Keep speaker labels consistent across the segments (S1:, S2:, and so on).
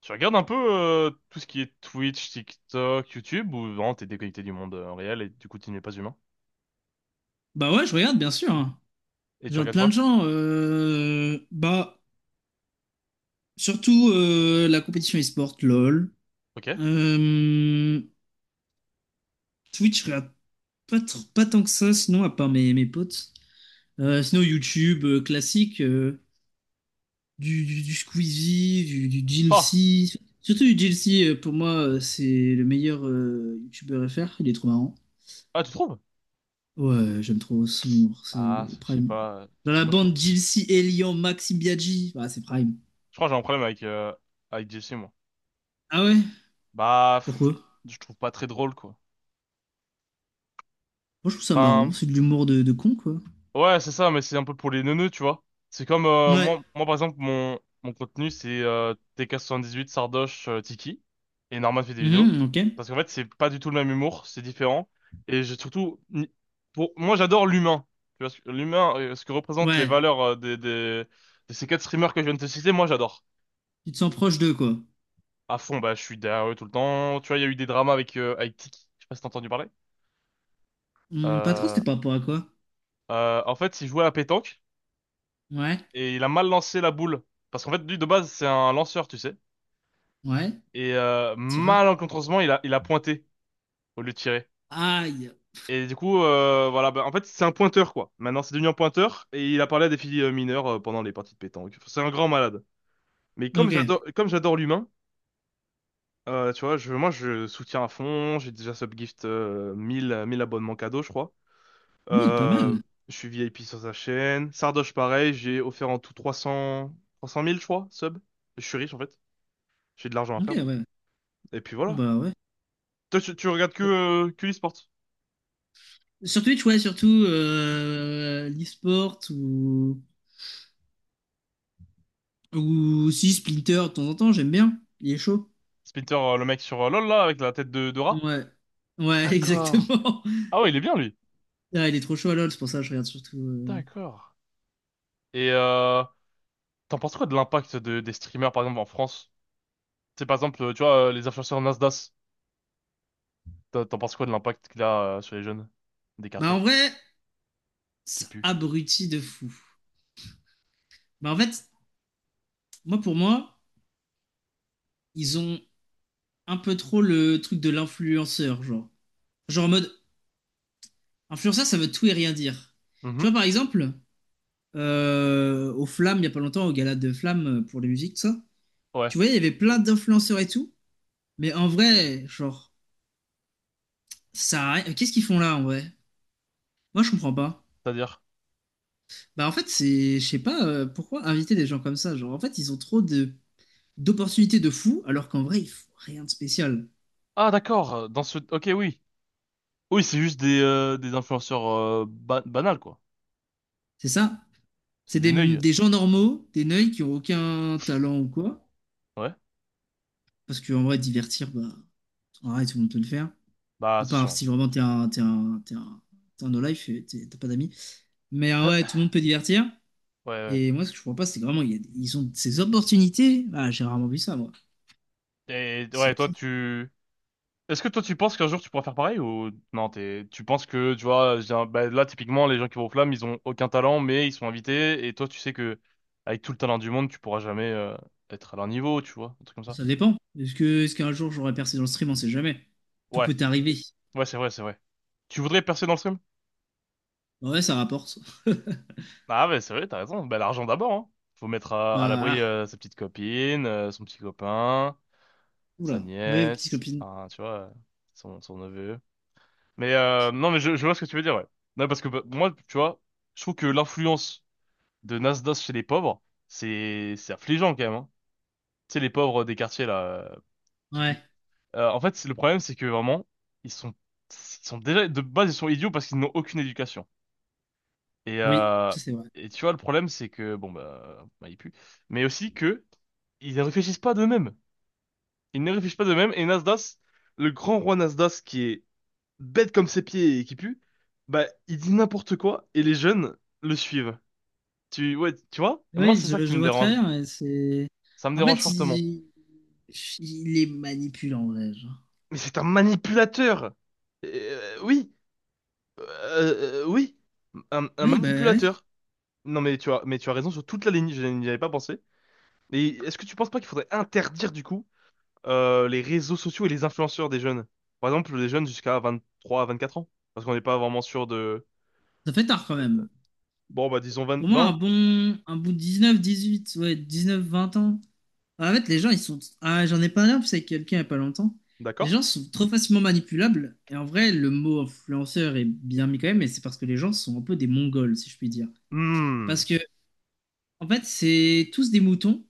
S1: Tu regardes un peu tout ce qui est Twitch, TikTok, YouTube, ou vraiment t'es déconnecté du monde réel et du coup tu n'es pas humain?
S2: Bah ouais, je regarde, bien sûr.
S1: Et
S2: Je
S1: tu
S2: regarde
S1: regardes
S2: plein de
S1: quoi?
S2: gens. Bah, surtout la compétition e-sport, LOL.
S1: Ok.
S2: Euh, Twitch, je regarde pas, pas tant que ça, sinon, à part mes potes. Sinon, YouTube classique, du Squeezie, du
S1: Ah!
S2: GLC. Surtout du GLC, pour moi, c'est le meilleur YouTuber FR. Il est trop marrant.
S1: Ah, tu trouves?
S2: Ouais, j'aime trop son humour, c'est
S1: Ah, je sais
S2: prime.
S1: pas.
S2: Dans la
S1: Moi, je
S2: bande, GLC, Elian, Maxi Biaggi. Bah, c'est prime.
S1: crois que j'ai un problème avec, avec Jesse, moi.
S2: Ah ouais?
S1: Bah, pff,
S2: Pourquoi?
S1: je trouve pas très drôle, quoi.
S2: Moi, je trouve ça marrant,
S1: Enfin,
S2: c'est de l'humour de con, quoi.
S1: ouais, c'est ça, mais c'est un peu pour les neuneux, tu vois. C'est comme,
S2: Ouais.
S1: moi, par exemple, mon contenu, c'est TK78, Sardoche, Tiki, et Norman fait des vidéos.
S2: Mhm, ok.
S1: Parce qu'en fait, c'est pas du tout le même humour, c'est différent. Et j'ai surtout, pour, moi, j'adore l'humain. Tu vois, l'humain, ce que représentent les
S2: Ouais.
S1: valeurs de ces quatre streamers que je viens de te citer, moi, j'adore.
S2: Tu te sens proche d'eux, quoi.
S1: À fond, bah, je suis derrière eux tout le temps. Tu vois, il y a eu des dramas avec, avec Tiki, je sais pas si t'as entendu parler.
S2: Hmm, pas trop, c'était
S1: Euh,
S2: par rapport à quoi?
S1: En fait, il jouait à la pétanque.
S2: Ouais.
S1: Et il a mal lancé la boule. Parce qu'en fait, lui, de base, c'est un lanceur, tu sais.
S2: Ouais.
S1: Et
S2: Tireur.
S1: malencontreusement, il a pointé au lieu de tirer.
S2: Aïe.
S1: Et du coup, voilà, bah, en fait, c'est un pointeur, quoi. Maintenant, c'est devenu un pointeur, et il a parlé à des filles mineures pendant les parties de pétanque. Enfin, c'est un grand malade. Mais
S2: Ok.
S1: comme j'adore l'humain, tu vois, moi, je soutiens à fond. J'ai déjà subgift 1000 1000 abonnements cadeaux, je crois.
S2: Mille, pas
S1: Euh,
S2: mal.
S1: je suis VIP sur sa chaîne. Sardoche, pareil, j'ai offert en tout 300 000 je crois, sub. Je suis riche, en fait. J'ai de l'argent à
S2: Ok,
S1: perdre.
S2: ouais.
S1: Et puis
S2: Ah
S1: voilà.
S2: bah ouais.
S1: Toi, tu regardes que,
S2: Euh,
S1: euh, que l'e-sport.
S2: Sur Twitch, ouais, surtout l'e-sport ou si Splinter de temps en temps, j'aime bien. Il est chaud.
S1: Splinter, le mec sur LoL, là, avec la tête de rat.
S2: Ouais. Ouais,
S1: D'accord.
S2: exactement.
S1: Ah ouais, il est bien, lui.
S2: Ah, il est trop chaud à LoL, c'est pour ça que je regarde surtout.
S1: D'accord. Et t'en penses quoi de l'impact des streamers, par exemple, en France? C'est par exemple, tu vois, les influenceurs Nasdaq. T'en penses quoi de l'impact qu'il a sur les jeunes des
S2: Bah
S1: quartiers
S2: en vrai,
S1: qui
S2: ça
S1: puent?
S2: abrutit de fou. Bah en fait, moi, pour moi, ils ont un peu trop le truc de l'influenceur, genre. Genre en mode, influenceur, ça veut tout et rien dire. Tu
S1: Mhm.
S2: vois, par exemple, aux Flammes, il y a pas longtemps, au gala de Flammes pour les musiques, tout ça.
S1: Ouais.
S2: Tu vois, il y avait plein d'influenceurs et tout. Mais en vrai, genre, ça a rien- qu'est-ce qu'ils font là, en vrai? Moi, je comprends pas.
S1: C'est-à-dire?
S2: Bah, en fait, c'est. je sais pas pourquoi inviter des gens comme ça. Genre, en fait, ils ont trop de d'opportunités de fou, alors qu'en vrai, ils font rien de spécial.
S1: Ah, d'accord. Dans ce... Ok, oui. Oui, c'est juste des influenceurs banals, quoi.
S2: C'est ça?
S1: C'est
S2: C'est
S1: des neuils.
S2: des gens normaux, des neuils qui ont aucun talent ou quoi.
S1: Ouais.
S2: Parce qu'en vrai, divertir, bah, en tout le monde peut le faire.
S1: Bah,
S2: À
S1: c'est
S2: part
S1: sûr.
S2: si vraiment t'es un no-life et t'as pas d'amis. Mais ouais, tout le monde peut divertir.
S1: Ouais,
S2: Et moi, ce que je comprends pas, c'est que vraiment, ils ont ces opportunités. Ah, j'ai rarement vu ça, moi.
S1: ouais. Et ouais, toi,
S2: Assez fou.
S1: tu... Est-ce que toi tu penses qu'un jour tu pourras faire pareil, ou non? T'es, tu penses que, tu vois, bah, là typiquement les gens qui vont aux Flammes, ils ont aucun talent mais ils sont invités, et toi tu sais que avec tout le talent du monde tu pourras jamais, être à leur niveau, tu vois, un truc comme ça.
S2: Ça dépend. Est-ce qu'un jour j'aurai percé dans le stream? On sait jamais. Tout
S1: Ouais,
S2: peut arriver.
S1: ouais, c'est vrai, c'est vrai. Tu voudrais percer dans le stream?
S2: Ouais, ça rapporte.
S1: Ah ouais, c'est vrai, t'as raison. Bah, l'argent d'abord, hein. Faut mettre
S2: Bah,
S1: à l'abri
S2: ah.
S1: sa petite copine son petit copain, sa
S2: Oula. Oui, petites
S1: nièce,
S2: copines.
S1: enfin, tu vois, son neveu. Mais non mais je vois ce que tu veux dire. Ouais. Non parce que, bah, moi tu vois, je trouve que l'influence de Nasdaq chez les pauvres, c'est affligeant quand même, hein. Tu sais, les pauvres des quartiers là, euh, qui
S2: Ouais,
S1: puent. En fait, le problème, c'est que vraiment, ils sont ils sont déjà de base, ils sont idiots parce qu'ils n'ont aucune éducation. Et
S2: oui, ça c'est vrai.
S1: tu vois, le problème, c'est que bon bah, ils puent, mais aussi que ils ne réfléchissent pas d'eux-mêmes. Ils ne réfléchissent pas d'eux-mêmes. Et Nasdaq, le grand roi Nasdaq qui est bête comme ses pieds et qui pue, bah il dit n'importe quoi et les jeunes le suivent. Tu Ouais, tu vois? Moi,
S2: Oui,
S1: c'est ça qui
S2: je
S1: me
S2: vois très
S1: dérange.
S2: bien. Ouais, c'est...
S1: Ça me
S2: En
S1: dérange
S2: fait,
S1: fortement.
S2: il est manipulant, en vrai. Genre.
S1: Mais c'est un manipulateur. Oui, oui, un
S2: Oui, bah ouais.
S1: manipulateur. Non mais tu as raison sur toute la ligne. Je n'y avais pas pensé. Et est-ce que tu penses pas qu'il faudrait interdire du coup les réseaux sociaux et les influenceurs des jeunes? Par exemple, les jeunes jusqu'à 23 à 24 ans, parce qu'on n'est pas vraiment sûr de.
S2: Ça fait tard quand même.
S1: Bon bah disons 20,
S2: Pour moi,
S1: 20,
S2: un bon dix-neuf, dix-huit, ouais, 19, 20 ans. En fait, les gens, ils sont. Ah, j'en ai parlé en plus avec quelqu'un il n'y a pas longtemps. Les
S1: d'accord?
S2: gens sont trop facilement manipulables. Et en vrai, le mot influenceur est bien mis quand même, mais c'est parce que les gens sont un peu des Mongols, si je puis dire.
S1: Hmm.
S2: Parce que, en fait, c'est tous des moutons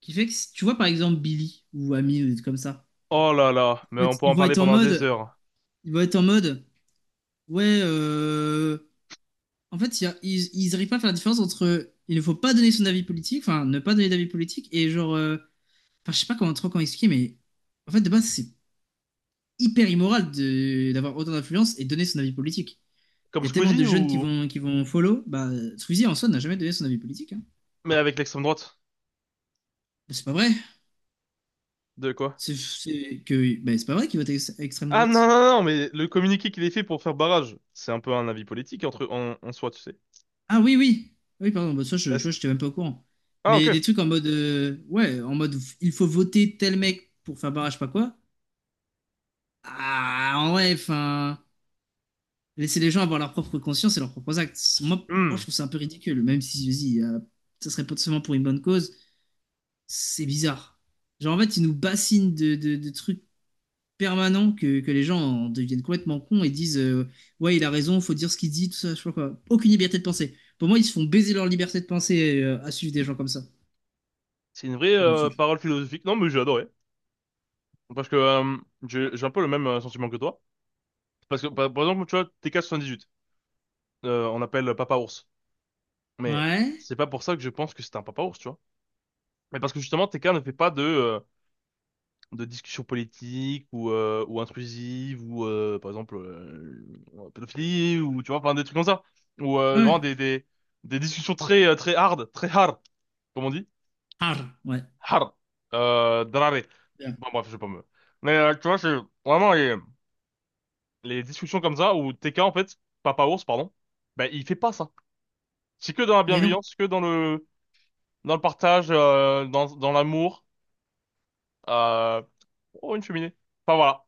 S2: qui fait que, tu vois, par exemple, Billy ou Ami, ou des trucs comme ça.
S1: Oh là là, mais
S2: En
S1: on
S2: fait,
S1: peut en parler pendant des heures.
S2: Ils vont être en mode, ouais, en fait, il y a- ils arrivent pas à faire la différence entre il ne faut pas donner son avis politique, enfin, ne pas donner d'avis politique, et genre, enfin, je sais pas comment trop comment expliquer, mais en fait, de base, c'est hyper immoral d'avoir autant d'influence et donner son avis politique. Il
S1: Comme
S2: y a tellement de
S1: Squeezie
S2: jeunes
S1: ou?
S2: qui vont follow, bah, Squeezie en soi n'a jamais donné son avis politique, hein.
S1: Mais avec l'extrême droite.
S2: Bah, c'est pas vrai.
S1: De quoi?
S2: Bah, c'est pas vrai qu'il vote extrême
S1: Ah non,
S2: droite.
S1: non, non, mais le communiqué qu'il ait fait pour faire barrage, c'est un peu un avis politique entre en soi, tu sais.
S2: Ah oui, oui. Oui, pardon, bah ça, je, tu
S1: Est-ce...
S2: vois, j'étais même pas au courant.
S1: Ah ok.
S2: Mais des trucs en mode, ouais, en mode, il faut voter tel mec pour faire barrage, pas quoi. Ah, en vrai, enfin, laisser les gens avoir leur propre conscience et leurs propres actes. Moi, moi,
S1: Hmm.
S2: je trouve ça un peu ridicule, même si, vas-y, ça serait potentiellement pour une bonne cause. C'est bizarre. Genre, en fait, ils nous bassinent de trucs permanents que les gens en deviennent complètement cons et disent, ouais, il a raison, faut dire ce qu'il dit, tout ça, je sais pas quoi. Aucune liberté de pensée. Pour moi, ils se font baiser leur liberté de pensée, à suivre des gens comme ça.
S1: C'est une vraie
S2: Ouais, c'est tout.
S1: parole philosophique. Non, mais j'ai adoré. Parce que j'ai un peu le même sentiment que toi. Parce que par exemple, tu vois, TK78, on appelle Papa Ours. Mais
S2: Ouais,
S1: c'est pas pour ça que je pense que c'est un Papa Ours, tu vois. Mais parce que justement, TK ne fait pas de discussions politiques ou intrusives ou par exemple pédophilie ou tu vois, enfin, des trucs comme ça, ou
S2: ouais,
S1: vraiment des discussions très très hard, très hard comme on dit,
S2: ah, ouais,
S1: hard drare.
S2: bien.
S1: Bon bref, je vais pas me... Mais tu vois, c'est vraiment les discussions comme ça où TK, en fait, Papa Ours, pardon, ben il fait pas ça. C'est que dans la
S2: Et non,
S1: bienveillance, que dans le partage, dans l'amour, euh... oh, une cheminée, enfin voilà,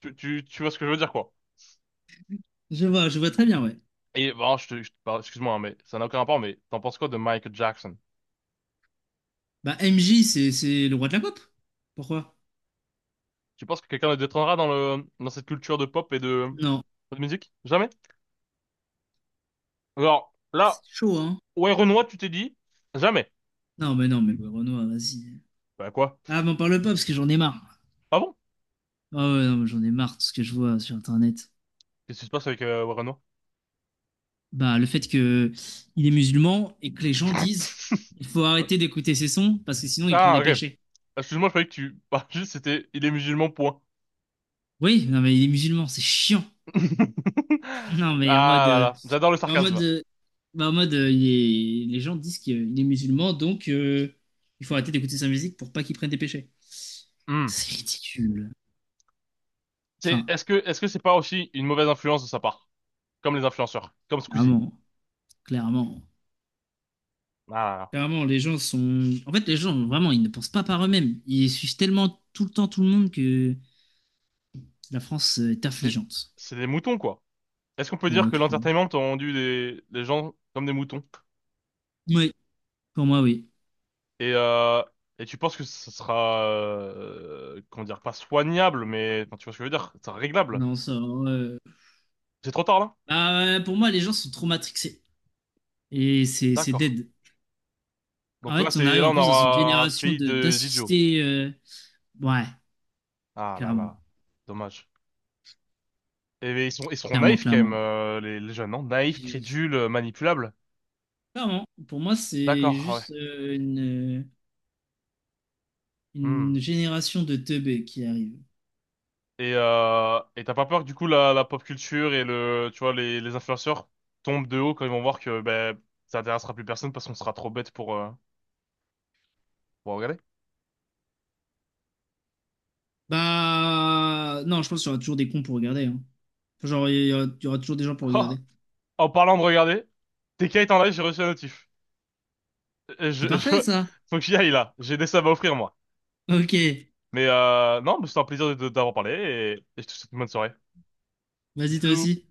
S1: tu vois ce que je veux dire, quoi.
S2: je vois très bien, ouais.
S1: Et bon, je te parle, excuse-moi, hein, mais ça n'a aucun rapport, mais t'en penses quoi de Michael Jackson?
S2: Bah, MJ, c'est le roi de la pop. Pourquoi?
S1: Tu penses que quelqu'un le détrônera dans le, dans cette culture de pop et de,
S2: Non.
S1: de musique? Jamais? Alors,
S2: Ah, c'est
S1: là,
S2: chaud, hein.
S1: Warren Watt, tu t'es dit, jamais.
S2: Non, mais non, mais ouais, Renoir, vas-y.
S1: Bah quoi?
S2: Ah, m'en parle pas parce que j'en ai marre.
S1: Ah bon?
S2: Ah ouais, non, mais j'en ai marre de ce que je vois sur Internet.
S1: Qu'est-ce qui se passe avec Warren Watt?
S2: Bah, le fait que il est musulman et que les gens disent il faut
S1: Ouais.
S2: arrêter d'écouter ses sons parce que sinon il prend
S1: Ah,
S2: des
S1: ok.
S2: péchés.
S1: Excuse-moi, je croyais que tu, bah, juste c'était, il est musulman, point.
S2: Oui, non, mais il est musulman, c'est chiant. Non, mais en
S1: Ah
S2: mode.
S1: là là, j'adore le
S2: En mode.
S1: sarcasme.
S2: Bah, en mode les gens disent qu'il est musulman, donc il faut arrêter d'écouter sa musique pour pas qu'il prenne des péchés.
S1: Hmm.
S2: C'est ridicule. Enfin,
S1: Est-ce que c'est pas aussi une mauvaise influence de sa part? Comme les influenceurs, comme Squeezie.
S2: clairement. Clairement.
S1: Ah là là.
S2: Clairement, les gens sont. En fait, les gens, vraiment, ils ne pensent pas par eux-mêmes. Ils suivent tellement tout le temps tout le monde que la France est
S1: C'est,
S2: affligeante.
S1: c'est des moutons, quoi. Est-ce qu'on peut dire
S2: Ouais,
S1: que
S2: clairement.
S1: l'entertainment a rendu des gens comme des moutons?
S2: Oui, pour moi, oui.
S1: Et, euh, et tu penses que ce sera, comment dire, pas soignable, mais enfin, tu vois ce que je veux dire, c'est réglable.
S2: Non, ça.
S1: C'est trop tard là?
S2: Bah, ouais, pour moi, les gens sont trop matrixés. Et c'est
S1: D'accord.
S2: dead. En
S1: Donc là,
S2: fait, on
S1: c'est
S2: arrive
S1: là,
S2: en
S1: on
S2: plus dans une
S1: aura un
S2: génération
S1: pays
S2: de
S1: de d'idiots.
S2: d'assister. Ouais,
S1: Ah là
S2: clairement,
S1: là, dommage. Et mais ils seront
S2: clairement,
S1: naïfs quand même,
S2: clairement.
S1: les jeunes, non? Naïfs,
S2: J'ai-
S1: crédules, manipulables.
S2: Clairement, pour moi, c'est
S1: D'accord, ah ouais.
S2: juste une
S1: Hmm.
S2: génération de teubés qui arrive.
S1: Et t'as pas peur que du coup la pop culture et le tu vois les influenceurs tombent de haut quand ils vont voir que ben ça intéressera plus personne parce qu'on sera trop bête pour regarder.
S2: Bah, non, je pense qu'il y aura toujours des cons pour regarder. Hein. Genre, il y aura toujours des gens pour
S1: Ah,
S2: regarder.
S1: en parlant de regarder, TK est en live, j'ai reçu un notif. Euh, Je,
S2: C'est
S1: je-
S2: parfait, ça.
S1: Faut que j'y aille là, j'ai des subs à offrir moi.
S2: Ok,
S1: Mais non, mais c'était un plaisir de t'avoir parlé et je te souhaite une bonne soirée.
S2: vas-y, toi
S1: Bisous.
S2: aussi.